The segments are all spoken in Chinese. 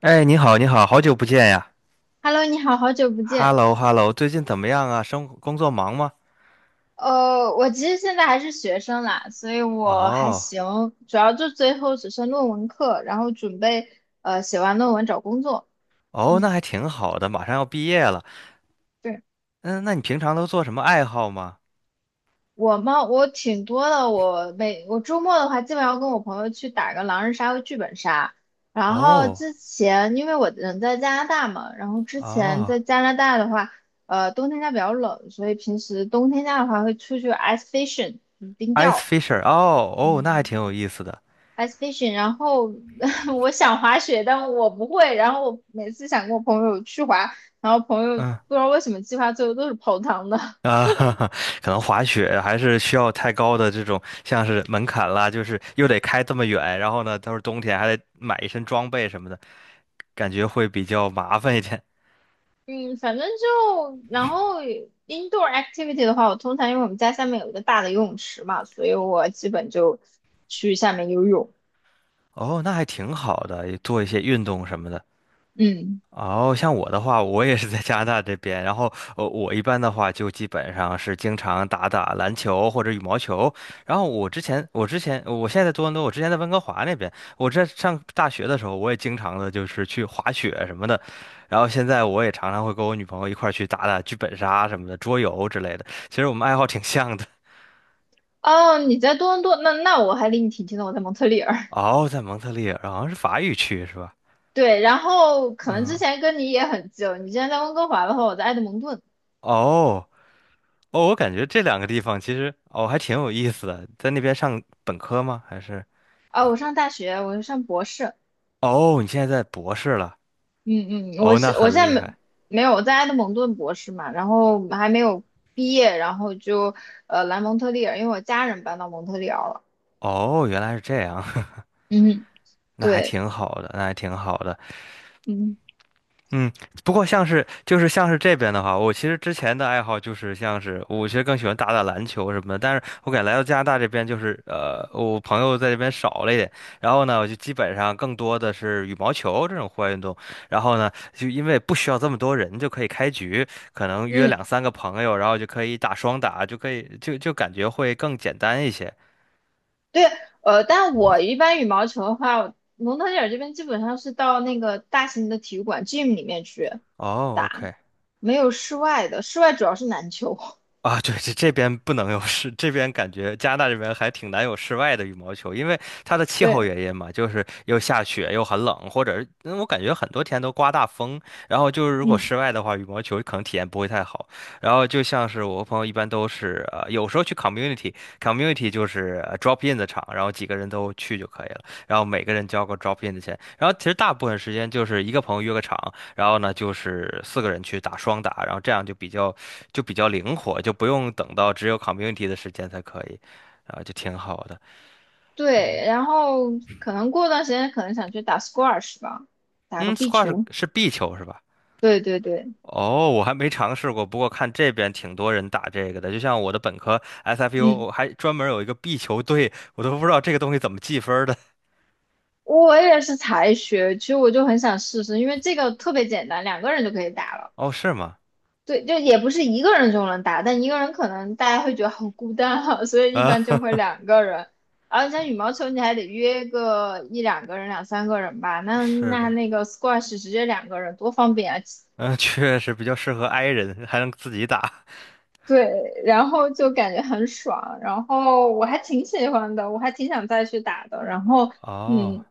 哎，你好，你好，好久不见呀 Hello，你好，好久不见。！Hello，Hello，最近怎么样啊？生活工作忙吗？我其实现在还是学生啦，所以我还哦，行，主要就最后只剩论文课，然后准备写完论文找工作。哦，那嗯，还挺好的，马上要毕业了。对，嗯，那你平常都做什么爱好吗？我嘛，我挺多的，我周末的话，基本上跟我朋友去打个狼人杀和剧本杀。然后哦，之前因为我人在加拿大嘛，然后之前在哦加拿大的话，冬天家比较冷，所以平时冬天家的话会出去 ice fishing 冰，ice 钓。fisher，哦，哦，那还嗯。挺有意思的。ice f i s h i n 然后 我想滑雪，但我不会。然后我每次想跟我朋友去滑，然后朋友嗯不知道为什么计划最后都是泡汤的。啊，哈哈，可能滑雪还是需要太高的这种像是门槛啦，就是又得开这么远，然后呢，都是冬天还得买一身装备什么的，感觉会比较麻烦一点。嗯，反正就然后 indoor activity 的话，我通常因为我们家下面有一个大的游泳池嘛，所以我基本就去下面游泳。哦，那还挺好的，也做一些运动什么的。嗯，哦，像我的话，我也是在加拿大这边，然后我一般的话就基本上是经常打打篮球或者羽毛球。然后我之前，我之前，我现在在多伦多，我之前在温哥华那边，我在上大学的时候，我也经常的就是去滑雪什么的。然后现在我也常常会跟我女朋友一块儿去打打剧本杀什么的，桌游之类的。其实我们爱好挺像的。哦，你在多伦多，那我还离你挺近的，我在蒙特利尔。哦，在蒙特利尔，好像是法语区是吧？对，然后可能嗯，之前跟你也很近，你之前在温哥华的话，我在埃德蒙顿。哦。哦，我感觉这两个地方其实哦还挺有意思的，在那边上本科吗？还是啊、我上大学，我上博士，哦，你现在在博士了？嗯嗯，哦，那我很厉现在没害。没有我在埃德蒙顿博士嘛，然后还没有毕业，然后就来蒙特利尔，因为我家人搬到蒙特利尔了。哦，原来是这样，嗯，那还对，挺好的，那还挺好的。嗯嗯，不过像是这边的话，我其实之前的爱好就是像是我其实更喜欢打打篮球什么的，但是我感觉来到加拿大这边就是我朋友在这边少了一点，然后呢，我就基本上更多的是羽毛球这种户外运动，然后呢，就因为不需要这么多人就可以开局，可能约嗯，两三个朋友，然后就可以打双打，就可以就感觉会更简单一些。对，但我一般羽毛球的话，我蒙特利尔这边基本上是到那个大型的体育馆 gym 里面去哦打，，OK。没有室外的，室外主要是篮球。啊，对，这这边不能有室，这边感觉加拿大这边还挺难有室外的羽毛球，因为它的气候对，原因嘛，就是又下雪又很冷，或者嗯我感觉很多天都刮大风，然后就是如果嗯，室外的话，羽毛球可能体验不会太好。然后就像是我和朋友一般都是，有时候去 community 就是drop in 的场，然后几个人都去就可以了，然后每个人交个 drop in 的钱，然后其实大部分时间就是一个朋友约个场，然后呢就是四个人去打双打，然后这样就比较。就比较灵活，就不用等到只有 community 的时间才可以，啊，就挺好的。对，然后可能过段时间可能想去打 squash 吧，打个嗯壁，squash 球。是壁球是吧？对对对。哦，我还没尝试过，不过看这边挺多人打这个的，就像我的本科 SFU，嗯。我还专门有一个壁球队，我都不知道这个东西怎么计分儿的。我也是才学，其实我就很想试试，因为这个特别简单，两个人就可以打了。哦，是吗？对，就也不是一个人就能打，但一个人可能大家会觉得好孤单啊，所以一啊，般就会两个人。而且像羽毛 球，你还得约个一两个人、两三个人吧。那是那的，那个 squash 直接两个人多方便啊！嗯，确实比较适合 i 人，还能自己打。对，然后就感觉很爽，然后我还挺喜欢的，我还挺想再去打的。哦。嗯，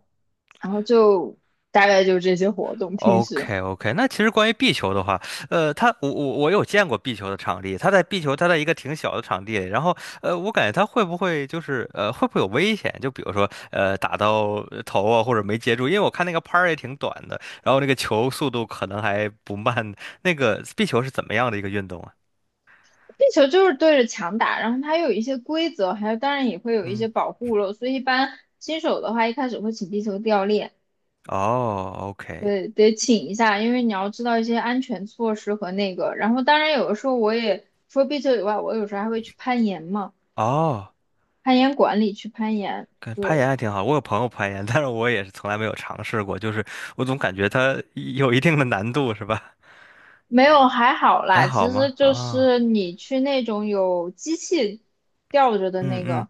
然后就大概就这些活动，平时。OK OK，那其实关于壁球的话，它我有见过壁球的场地，它在壁球它在一个挺小的场地，然后我感觉它会不会就是会不会有危险？就比如说打到头啊或者没接住，因为我看那个拍儿也挺短的，然后那个球速度可能还不慢。那个壁球是怎么样的一个运动啊？地球就是对着墙打，然后它有一些规则，还有当然也会有一嗯，些保护了，所以一般新手的话，一开始会请地球掉链，哦，OK，对，得请一下，因为你要知道一些安全措施和那个。然后当然有的时候我也除了壁球以外，我有时候还会去攀岩嘛，哦。攀岩馆里去攀岩，跟攀对，岩还挺好，我有朋友攀岩，但是我也是从来没有尝试过，就是我总感觉它有一定的难度，是吧？没有，还好还啦，其好吗？实就啊，是你去那种有机器吊着的嗯那嗯，个。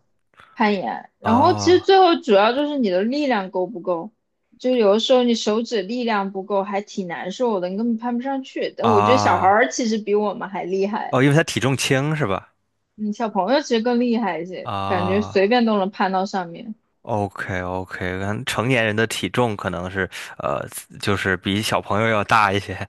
攀岩，然后其实哦最后主要就是你的力量够不够，就有的时候你手指力量不够，还挺难受的，你根本攀不上去。但我觉得小孩啊儿其实比我们还厉害，哦，因为他体重轻是吧？嗯，小朋友其实更厉害一些，感觉随啊便都能攀到上面。，OK OK，可能成年人的体重可能是呃，就是比小朋友要大一些，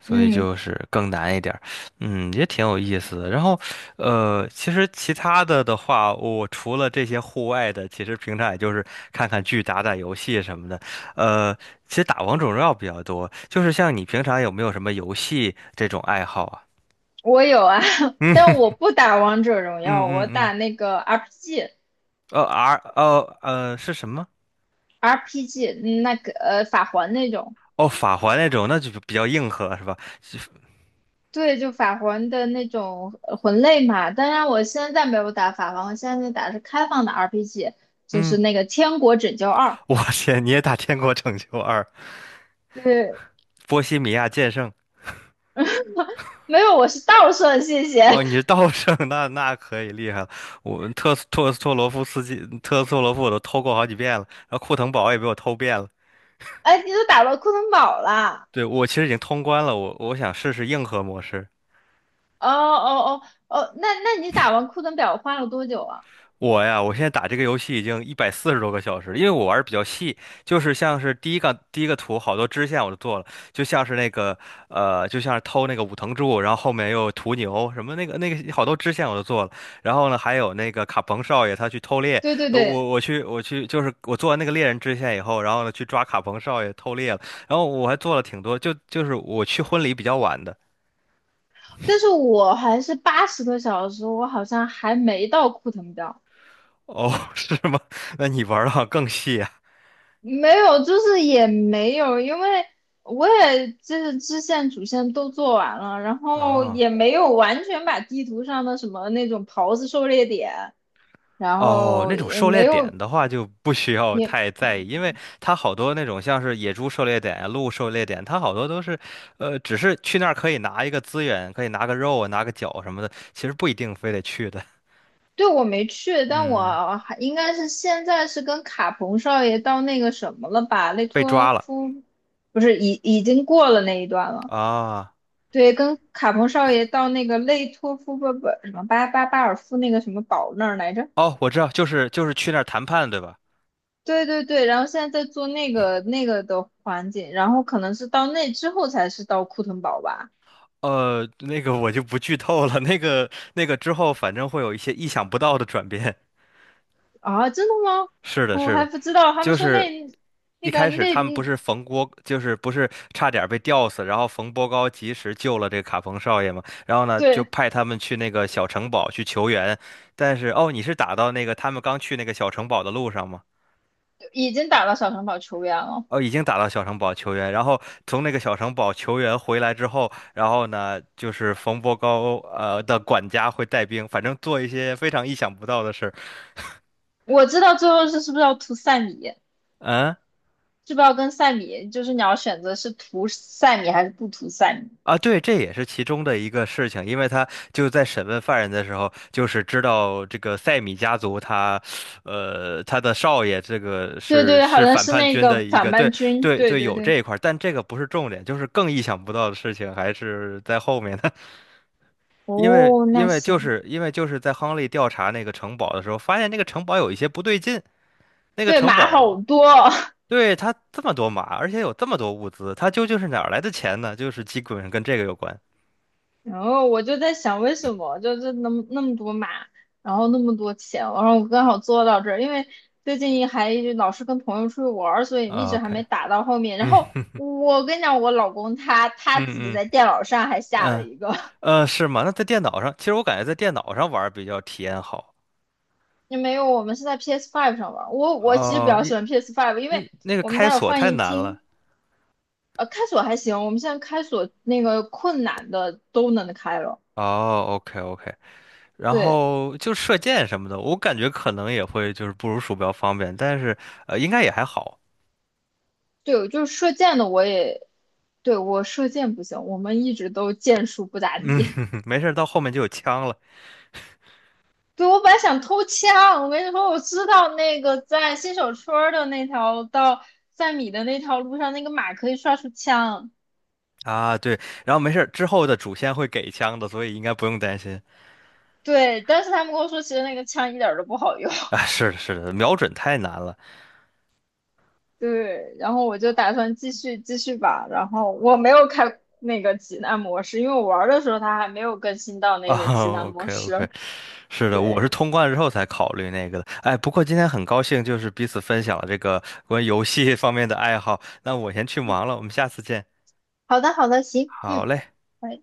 所以嗯，就是更难一点儿。嗯，也挺有意思的。然后其实其他的的话，我除了这些户外的，其实平常也就是看看剧、打打游戏什么的。呃，其实打王者荣耀比较多。就是像你平常有没有什么游戏这种爱好啊？我有啊，但嗯我不打王者荣嗯耀，嗯我嗯，打那个 RPG，RPG，哦 R 哦是什么？那个法环那种。哦，法环那种，那就比较硬核是吧？对，就法环的那种魂类嘛。当然，我现在没有打法环，我现在打的是开放的 RPG,就是嗯，那个《天国拯救二》。我天，你也打《天国拯救二》对，《波西米亚剑圣》没有，我是倒顺，谢谢。哦，你是 道圣，那那可以厉害了。我特斯托斯托罗夫斯基、特斯托罗夫我都偷过好几遍了，然后库腾堡也被我偷遍了。哎，你都打到库腾堡了？对，我其实已经通关了，我想试试硬核模式。哦哦哦，哦，那你打完库腾堡花了多久啊？我呀，我现在打这个游戏已经140多个小时了因为我玩的比较细，就是像是第一个图好多支线我都做了，就像是那个就像是偷那个武藤柱，然后后面又有屠牛什么那个好多支线我都做了，然后呢还有那个卡彭少爷他去偷猎，对对对，我去就是我做完那个猎人支线以后，然后呢去抓卡彭少爷偷猎了，然后我还做了挺多，就是我去婚礼比较晚的，但是我还是80个小时，我好像还没到库腾堡。哦，是吗？那你玩的更细啊。没有，就是也没有，因为我也就是支线主线都做完了，然后啊也没有完全把地图上的什么那种袍子狩猎点，然哦，后那种也狩猎没点有的话就不需要也太在意，因为它好多那种像是野猪狩猎点呀、鹿狩猎点，它好多都是，只是去那儿可以拿一个资源，可以拿个肉啊、拿个角什么的，其实不一定非得去的。对，我没去，但嗯，我还应该是现在是跟卡彭少爷到那个什么了吧，雷被托抓了夫不是已经过了那一段了。啊！对，跟卡彭少爷到那个雷托夫不不什么巴尔夫那个什么堡那儿来着？哦，我知道，就是就是去那儿谈判，对吧？对对对，然后现在在做那个的环境，然后可能是到那之后才是到库腾堡吧？那个我就不剧透了，那个之后反正会有一些意想不到的转变。啊，真的吗？是的，我是还的，不知道，他们就说是那一那个开始那他们不是冯波，就是不是差点被吊死，然后冯波高及时救了这个卡冯少爷嘛，然后呢就对，派他们去那个小城堡去求援，但是哦，你是打到那个他们刚去那个小城堡的路上吗？已经打到小城堡球员了。哦，已经打到小城堡求援，然后从那个小城堡求援回来之后，然后呢，就是冯波高的管家会带兵，反正做一些非常意想不到的事儿。我知道最后是不是要涂塞米，嗯，是不是要跟塞米，就是你要选择是涂塞米还是不涂塞米？啊，对，这也是其中的一个事情，因为他就在审问犯人的时候，就是知道这个塞米家族他，他的少爷这个对对，好是像反是叛那军个的一反个，叛对军，对对对，对有这对。一块儿，但这个不是重点，就是更意想不到的事情还是在后面的，哦，那行，因为就是在亨利调查那个城堡的时候，发现那个城堡有一些不对劲，那个对城马堡好多。对他这么多马，而且有这么多物资，他究竟是哪儿来的钱呢？就是基本上跟这个有关。然后我就在想，为什么就是那么多码，然后那么多钱，然后我刚好做到这儿，因为最近还一直老是跟朋友出去玩儿，所以一啊 直还 OK。没打到后面。然嗯。后我跟你讲，我老公他嗯自己嗯在电脑上还下了嗯，一个，是吗？那在电脑上，其实我感觉在电脑上玩儿比较体验好。也没有，我们是在 p s Five 上玩儿。我其实比哦，较一喜欢 p s Five,因为嗯，那个我们开家有锁放太映难了。厅，开锁还行，我们现在开锁那个困难的都能开了，哦，OK OK，然对。后就射箭什么的，我感觉可能也会就是不如鼠标方便，但是应该也还好。对，就是射箭的我也，对，我射箭不行，我们一直都箭术不咋地。没事儿，到后面就有枪了对，我本来想偷枪，我跟你说，我知道那个在新手村儿的那条到三米的那条路上，那个马可以刷出枪。啊。对，然后没事儿，之后的主线会给枪的，所以应该不用担心对，但是他们跟我说，其实那个枪一点儿都不好用。啊。是的，是的，瞄准太难了 对，然后我就打算继续继续吧。然后我没有开那个极难模式，因为我玩儿的时候它还没有更新到啊。那个极难 模 OK OK。式。是的，我对，是通关之后才考虑那个的。哎，不过今天很高兴，就是彼此分享了这个关于游戏方面的爱好。那我先去忙了，我们下次见。好的好的，行，好嗯。嘞。拜